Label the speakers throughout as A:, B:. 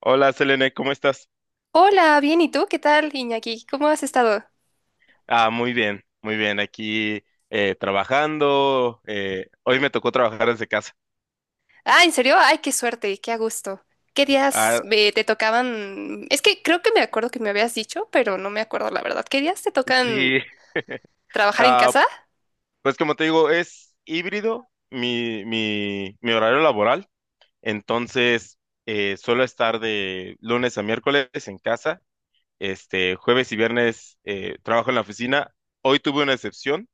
A: Hola, Selene, ¿cómo estás?
B: Hola, bien, ¿y tú? ¿Qué tal, Iñaki? ¿Cómo has estado?
A: Muy bien, muy bien. Aquí trabajando. Hoy me tocó trabajar desde casa.
B: Ah, ¿en serio? Ay, qué suerte, qué a gusto. ¿Qué días
A: Ah,
B: te tocaban? Es que creo que me acuerdo que me habías dicho, pero no me acuerdo la verdad. ¿Qué días te tocan
A: sí.
B: trabajar en
A: Ah,
B: casa?
A: pues como te digo, es híbrido mi horario laboral. Entonces, suelo estar de lunes a miércoles en casa. Este, jueves y viernes trabajo en la oficina. Hoy tuve una excepción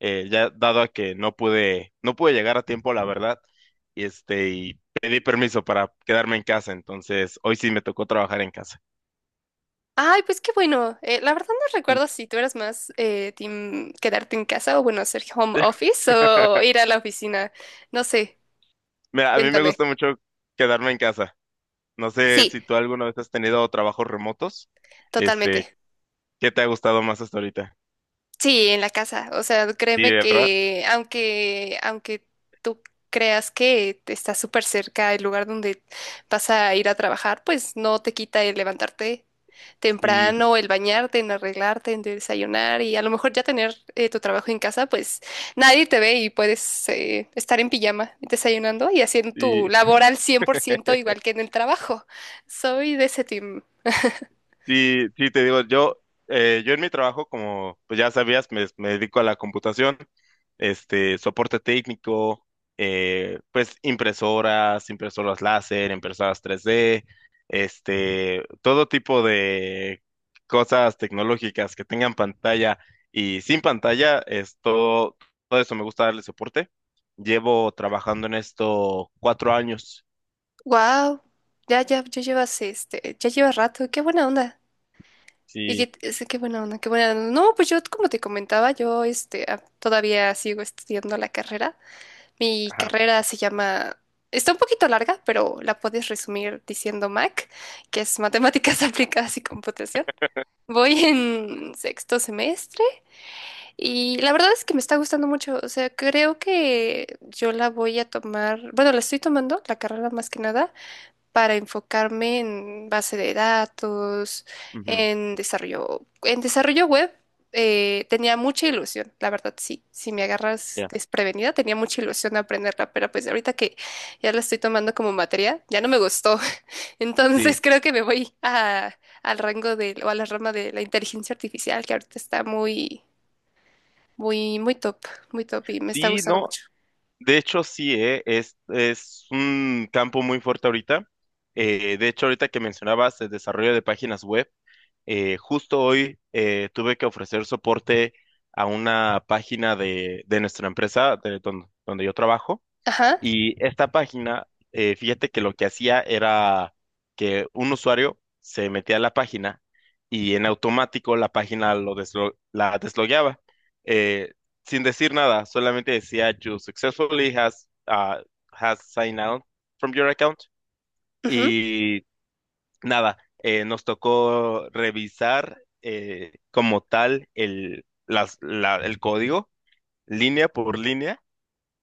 A: ya dado a que no pude llegar a tiempo, la verdad, y y pedí permiso para quedarme en casa, entonces hoy sí me tocó trabajar en casa.
B: Ay, pues qué bueno. La verdad no
A: Sí.
B: recuerdo si tú eras más team quedarte en casa o bueno, hacer home office o ir a la oficina. No sé,
A: Mira, a mí me
B: cuéntame.
A: gusta mucho quedarme en casa. No sé
B: Sí,
A: si tú alguna vez has tenido trabajos remotos. Este,
B: totalmente.
A: ¿Qué te ha gustado más hasta ahorita?
B: Sí, en la casa. O sea,
A: Sí,
B: créeme
A: ¿verdad?
B: que aunque tú creas que te estás súper cerca del lugar donde vas a ir a trabajar, pues no te quita el levantarte
A: Sí,
B: temprano, el bañarte, en arreglarte, en desayunar y a lo mejor ya tener tu trabajo en casa, pues nadie te ve y puedes estar en pijama desayunando y haciendo tu
A: sí.
B: labor al 100% igual que en el trabajo. Soy de ese team.
A: Sí, sí, te digo, yo en mi trabajo, como pues ya sabías, me dedico a la computación, soporte técnico, pues impresoras láser, impresoras 3D, todo tipo de cosas tecnológicas que tengan pantalla y sin pantalla, todo eso me gusta darle soporte. Llevo trabajando en esto 4 años.
B: Wow, ya llevas ya llevas rato. Qué buena onda. Y
A: Sí,
B: que, qué buena onda, qué buena onda. No, pues yo, como te comentaba, yo todavía sigo estudiando la carrera. Mi
A: ajá,
B: carrera se llama, está un poquito larga, pero la puedes resumir diciendo MAC, que es Matemáticas Aplicadas y Computación. Voy en sexto semestre y la verdad es que me está gustando mucho. O sea, creo que yo la voy a tomar, bueno, la estoy tomando, la carrera más que nada para enfocarme en base de datos,
A: ujú,
B: en desarrollo web. Tenía mucha ilusión, la verdad, sí. Si me agarras
A: ya.
B: desprevenida, tenía mucha ilusión de aprenderla, pero pues ahorita que ya la estoy tomando como materia, ya no me gustó.
A: Sí,
B: Entonces creo que me voy a, al rango de, o a la rama de la inteligencia artificial, que ahorita está muy top, muy top y me está
A: sí,
B: gustando
A: no.
B: mucho.
A: De hecho, sí. Es un campo muy fuerte ahorita. De hecho, ahorita que mencionabas el desarrollo de páginas web, justo hoy tuve que ofrecer soporte a una página de nuestra empresa, donde yo trabajo.
B: Ajá.
A: Y esta página, fíjate que lo que hacía era que un usuario se metía a la página y en automático la página la deslogueaba eh, sin decir nada, solamente decía you successfully has, has signed out from your account
B: Ujú.
A: y nada, nos tocó revisar como tal el código línea por línea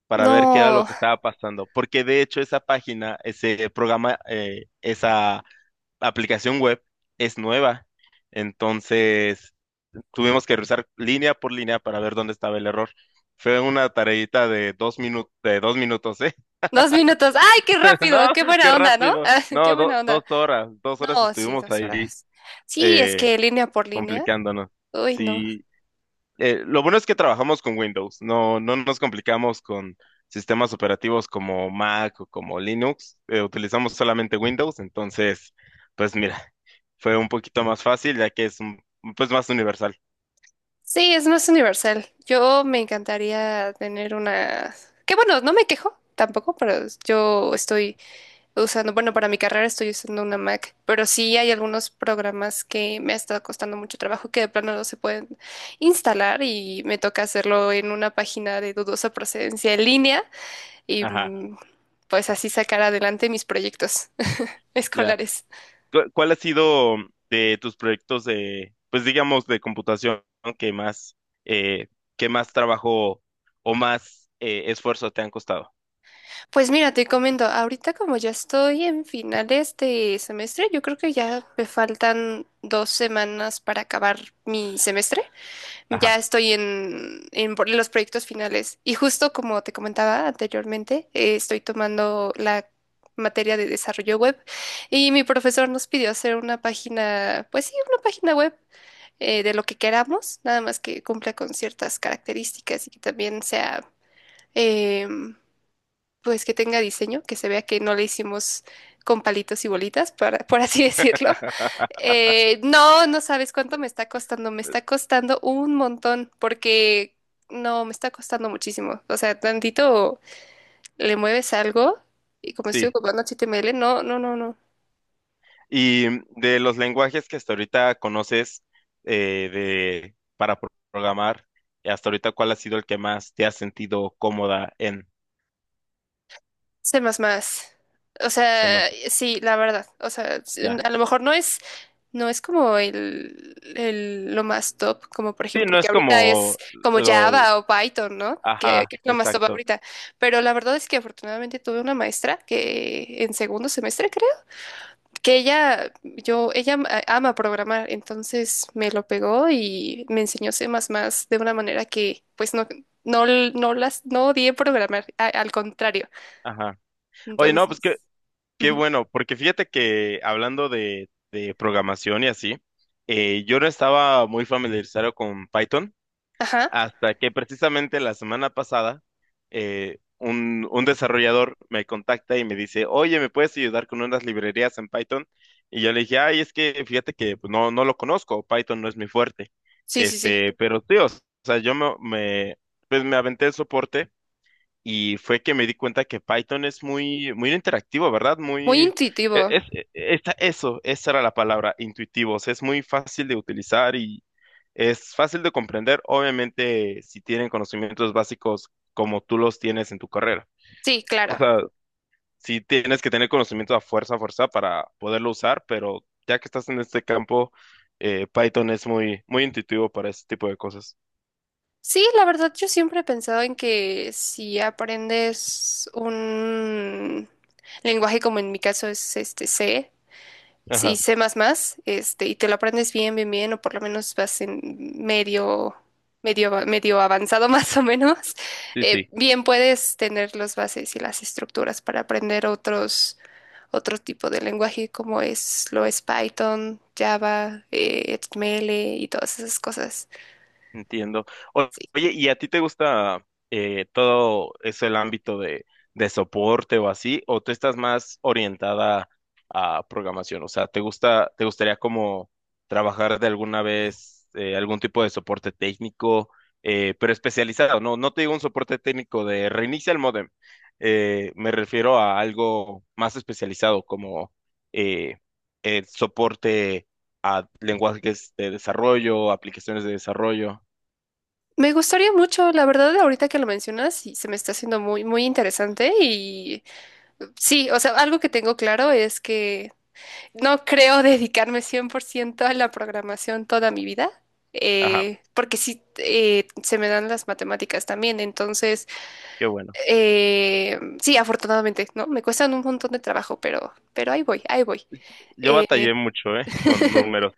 A: para ver qué era lo
B: No,
A: que estaba pasando. Porque de hecho esa página, ese programa, esa aplicación web es nueva. Entonces tuvimos que revisar línea por línea para ver dónde estaba el error. Fue una tareita de 2 minutos, de 2 minutos, ¿eh?
B: dos minutos. ¡Ay, qué
A: No,
B: rápido! ¡Qué
A: qué
B: buena onda!, ¿no?
A: rápido.
B: Ah, ¡qué
A: No,
B: buena onda!
A: 2 horas, 2 horas
B: No, sí,
A: estuvimos
B: dos
A: ahí
B: horas. Sí, es
A: eh,
B: que línea por línea.
A: complicándonos.
B: Uy, no.
A: Sí, lo bueno es que trabajamos con Windows, no nos complicamos con sistemas operativos como Mac o como Linux, utilizamos solamente Windows, entonces, pues mira, fue un poquito más fácil pues más universal.
B: Sí, es más universal. Yo me encantaría tener una… Que bueno, no me quejo tampoco, pero yo estoy usando, bueno, para mi carrera estoy usando una Mac, pero sí hay algunos programas que me ha estado costando mucho trabajo que de plano no se pueden instalar y me toca hacerlo en una página de dudosa procedencia en línea. y
A: Ajá,
B: mm, pues así sacar adelante mis proyectos
A: ya.
B: escolares.
A: ¿Cuál ha sido de tus proyectos de, pues digamos, de computación que eh, que más trabajo o más esfuerzo te han costado?
B: Pues mira, te comento, ahorita como ya estoy en finales de semestre, yo creo que ya me faltan dos semanas para acabar mi semestre.
A: Ajá,
B: Ya estoy en, los proyectos finales y justo como te comentaba anteriormente, estoy tomando la materia de desarrollo web y mi profesor nos pidió hacer una página, pues sí, una página web de lo que queramos, nada más que cumpla con ciertas características y que también sea, eh, pues que tenga diseño, que se vea que no le hicimos con palitos y bolitas, para por así decirlo. No, no sabes cuánto me está costando un montón, porque no, me está costando muchísimo. O sea, tantito le mueves algo y como estoy
A: sí.
B: ocupando HTML, no, no, no, no.
A: Y de los lenguajes que hasta ahorita conoces para programar, hasta ahorita, ¿cuál ha sido el que más te has sentido cómoda en?
B: Sé más. O
A: Se me-
B: sea, sí, la verdad. O sea,
A: ya.
B: a lo mejor no es… No es como lo más top, como por
A: Sí,
B: ejemplo
A: no es
B: que ahorita es
A: como
B: como
A: lo,
B: Java o Python, ¿no?
A: ajá,
B: Que es lo más top
A: exacto,
B: ahorita. Pero la verdad es que afortunadamente tuve una maestra que en segundo semestre creo, que ella ama programar, entonces me lo pegó y me enseñó C++ de una manera que pues no, no, no odié programar, al contrario.
A: ajá. Oye, no, pues qué,
B: Entonces,
A: qué
B: ujú.
A: bueno, porque fíjate que hablando de programación y así, yo no estaba muy familiarizado con Python.
B: Ajá,
A: Hasta que precisamente la semana pasada un desarrollador me contacta y me dice, oye, ¿me puedes ayudar con unas librerías en Python? Y yo le dije, ay, es que fíjate que pues, no, no lo conozco, Python no es mi fuerte.
B: sí, sí, sí.
A: Pero tío, o sea, pues me aventé el soporte y fue que me di cuenta que Python es muy interactivo, ¿verdad?
B: Muy
A: Muy, e-
B: intuitivo.
A: es, e- esa- eso, esa era la palabra, intuitivos. Es muy fácil de utilizar y es fácil de comprender, obviamente, si tienen conocimientos básicos como tú los tienes en tu carrera.
B: Sí,
A: O
B: claro.
A: sea, sí tienes que tener conocimiento a fuerza para poderlo usar, pero ya que estás en este campo, Python es muy intuitivo para ese tipo de cosas.
B: Sí, la verdad yo siempre he pensado en que si aprendes un lenguaje como en mi caso es este C,
A: Ajá,
B: si C++, este, y te lo aprendes bien, bien, bien, o por lo menos vas en medio, medio avanzado más o menos,
A: sí, sí.
B: bien puedes tener las bases y las estructuras para aprender otros, otro tipo de lenguaje como es, lo es Python, Java, HTML y todas esas cosas.
A: Entiendo. O- Oye, ¿y a ti te gusta todo eso, el ámbito de soporte o así? ¿O tú estás más orientada a programación? O sea, ¿te gusta, te gustaría como trabajar de alguna vez algún tipo de soporte técnico, pero especializado? No, no te digo un soporte técnico de reinicia el módem. Me refiero a algo más especializado como eh, el soporte a lenguajes de desarrollo, aplicaciones de desarrollo.
B: Me gustaría mucho, la verdad, ahorita que lo mencionas, sí, se me está haciendo muy, muy interesante y sí, o sea, algo que tengo claro es que no creo dedicarme 100% a la programación toda mi vida,
A: Ajá,
B: porque sí, se me dan las matemáticas también, entonces,
A: qué bueno.
B: sí, afortunadamente, ¿no? Me cuestan un montón de trabajo, pero ahí voy, ahí voy.
A: Yo
B: Eh,
A: batallé mucho, ¿eh? Con números.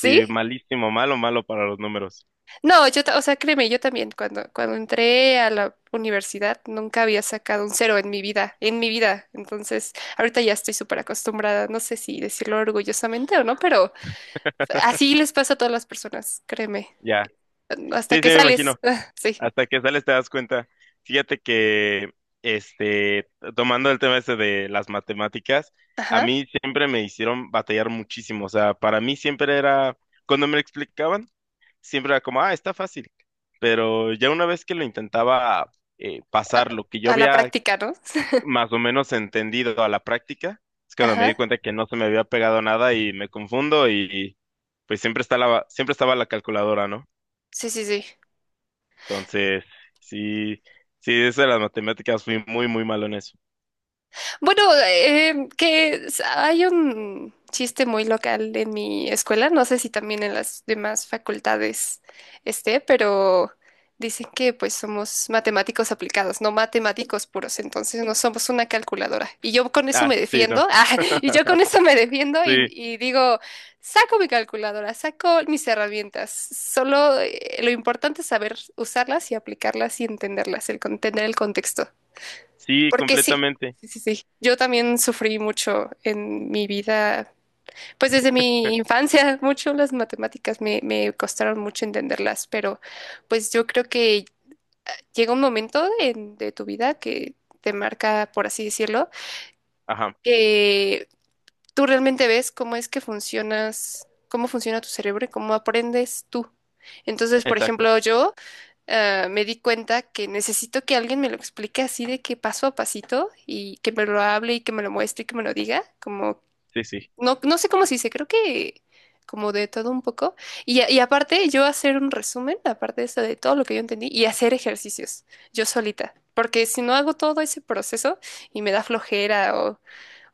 A: Sí, malísimo, malo, malo para los números.
B: No, o sea, créeme, yo también, cuando entré a la universidad, nunca había sacado un cero en mi vida, en mi vida. Entonces, ahorita ya estoy súper acostumbrada, no sé si decirlo orgullosamente o no, pero así les pasa a todas las personas, créeme.
A: Ya. Sí,
B: Hasta
A: sí,
B: que
A: me imagino.
B: sales, ah, sí,
A: Hasta que sales te das cuenta. Fíjate que, este, tomando el tema ese de las matemáticas, a
B: ajá,
A: mí siempre me hicieron batallar muchísimo. O sea, para mí siempre era, cuando me lo explicaban, siempre era como, ah, está fácil. Pero ya una vez que lo intentaba
B: a,
A: pasar, lo que yo
B: a la
A: había
B: práctica, ¿no?
A: más o menos entendido a la práctica. Es cuando me di
B: Ajá,
A: cuenta que no se me había pegado nada y me confundo y pues siempre estaba la calculadora, ¿no?
B: sí, sí, sí.
A: Entonces, sí, sí, eso de las matemáticas fui muy malo en eso.
B: Bueno, hay un chiste muy local en mi escuela, no sé si también en las demás facultades esté, pero dicen que pues somos matemáticos aplicados, no matemáticos puros, entonces no somos una calculadora. Y yo con eso
A: Ah,
B: me
A: sí, no,
B: defiendo, ah, y yo con eso me defiendo
A: sí,
B: y digo, saco mi calculadora, saco mis herramientas, solo lo importante es saber usarlas y aplicarlas y entenderlas, tener el contexto.
A: sí,
B: Porque sí,
A: completamente.
B: sí, sí, sí. Yo también sufrí mucho en mi vida, pues desde mi infancia, mucho las matemáticas me, me costaron mucho entenderlas, pero pues yo creo que llega un momento de tu vida que te marca, por así decirlo,
A: Ajá,
B: que tú realmente ves cómo es que funcionas, cómo funciona tu cerebro y cómo aprendes tú. Entonces, por
A: exacto,
B: ejemplo, me di cuenta que necesito que alguien me lo explique así de que paso a pasito y que me lo hable y que me lo muestre y que me lo diga. Como,
A: sí, sí.
B: no, no sé cómo se dice, creo que como de todo un poco. Y, y aparte, yo hacer un resumen, aparte de eso, de todo lo que yo entendí, y hacer ejercicios yo solita. Porque si no hago todo ese proceso y me da flojera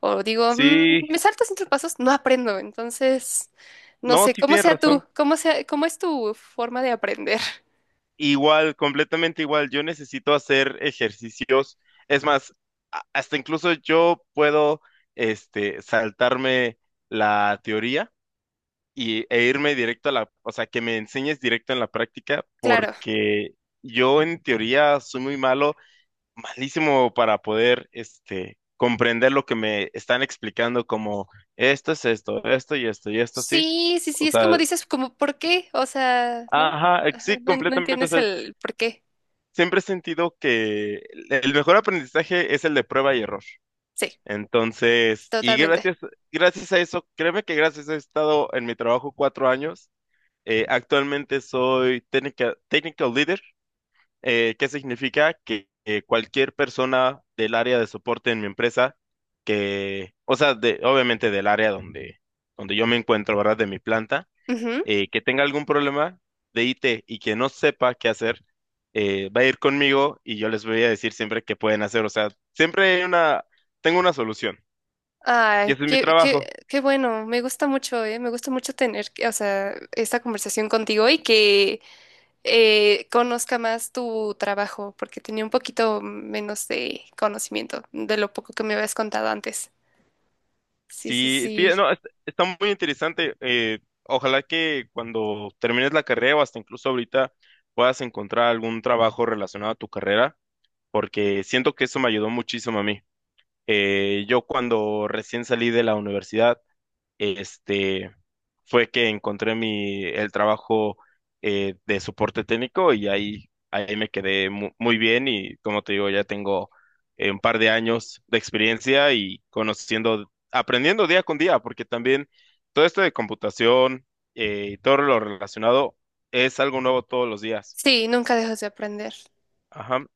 B: o digo, "Mm,
A: Sí,
B: me salto cinco pasos, no aprendo. Entonces, no
A: no,
B: sé,
A: sí
B: ¿cómo
A: tienes
B: sea tú?
A: razón.
B: ¿Cómo sea, cómo es tu forma de aprender?
A: Igual, completamente igual. Yo necesito hacer ejercicios. Es más, hasta incluso yo puedo, saltarme la teoría e irme directo a la, o sea, que me enseñes directo en la práctica,
B: Claro.
A: porque yo en teoría soy muy malo, malísimo para poder, comprender lo que me están explicando como esto es esto, esto y esto y esto así.
B: Sí, sí, sí,
A: O
B: es como
A: sea,
B: dices, como ¿por qué? O sea, ¿no? Ajá,
A: sí,
B: no, no
A: completamente.
B: entiendes el por qué.
A: Siempre he sentido que el mejor aprendizaje es el de prueba y error.
B: Sí,
A: Entonces,
B: totalmente.
A: gracias a eso, créeme que gracias a eso he estado en mi trabajo 4 años. Actualmente soy técnica, technical leader, que significa que cualquier persona del área de soporte en mi empresa, que, o sea, de, obviamente del área donde yo me encuentro, ¿verdad? De mi planta
B: Ujú.
A: que tenga algún problema de IT y que no sepa qué hacer, va a ir conmigo y yo les voy a decir siempre qué pueden hacer. O sea, siempre hay una, tengo una solución y
B: Ay,
A: ese es mi
B: qué, qué,
A: trabajo.
B: qué bueno, me gusta mucho tener, o sea, esta conversación contigo y que conozca más tu trabajo, porque tenía un poquito menos de conocimiento de lo poco que me habías contado antes. Sí, sí,
A: Sí, sí, no,
B: sí.
A: es- está muy interesante. Ojalá que cuando termines la carrera o hasta incluso ahorita puedas encontrar algún trabajo relacionado a tu carrera, porque siento que eso me ayudó muchísimo a mí. Yo cuando recién salí de la universidad, este, fue que encontré el trabajo de soporte técnico y ahí me quedé muy bien y como te digo, ya tengo un par de años de experiencia y conociendo, aprendiendo día con día, porque también todo esto de computación y todo lo relacionado es algo nuevo todos los días.
B: Sí, nunca dejas de aprender.
A: Ajá.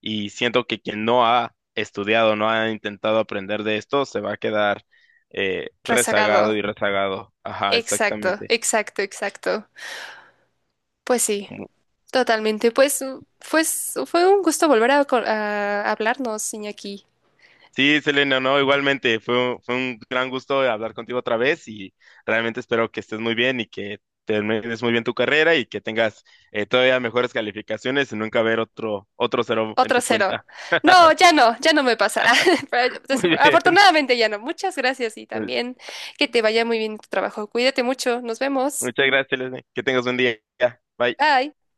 A: Y siento que quien no ha estudiado, no ha intentado aprender de esto, se va a quedar rezagado
B: Rezagado.
A: y rezagado. Ajá,
B: Exacto,
A: exactamente.
B: exacto, exacto. Pues sí.
A: Mu-
B: Totalmente, pues, pues fue un gusto volver a, a hablarnos, Iñaki.
A: Sí, Selena, no, igualmente, fue un gran gusto hablar contigo otra vez y realmente espero que estés muy bien y que termines muy bien tu carrera y que tengas todavía mejores calificaciones y nunca ver otro, otro cero en
B: Otro
A: tu
B: cero.
A: cuenta.
B: No, ya no, ya no me pasa. Pero
A: Muy bien.
B: afortunadamente ya no. Muchas gracias y también que te vaya muy bien en tu trabajo. Cuídate mucho. Nos vemos.
A: Muchas gracias, Selena. Que tengas un día. Bye.
B: Bye.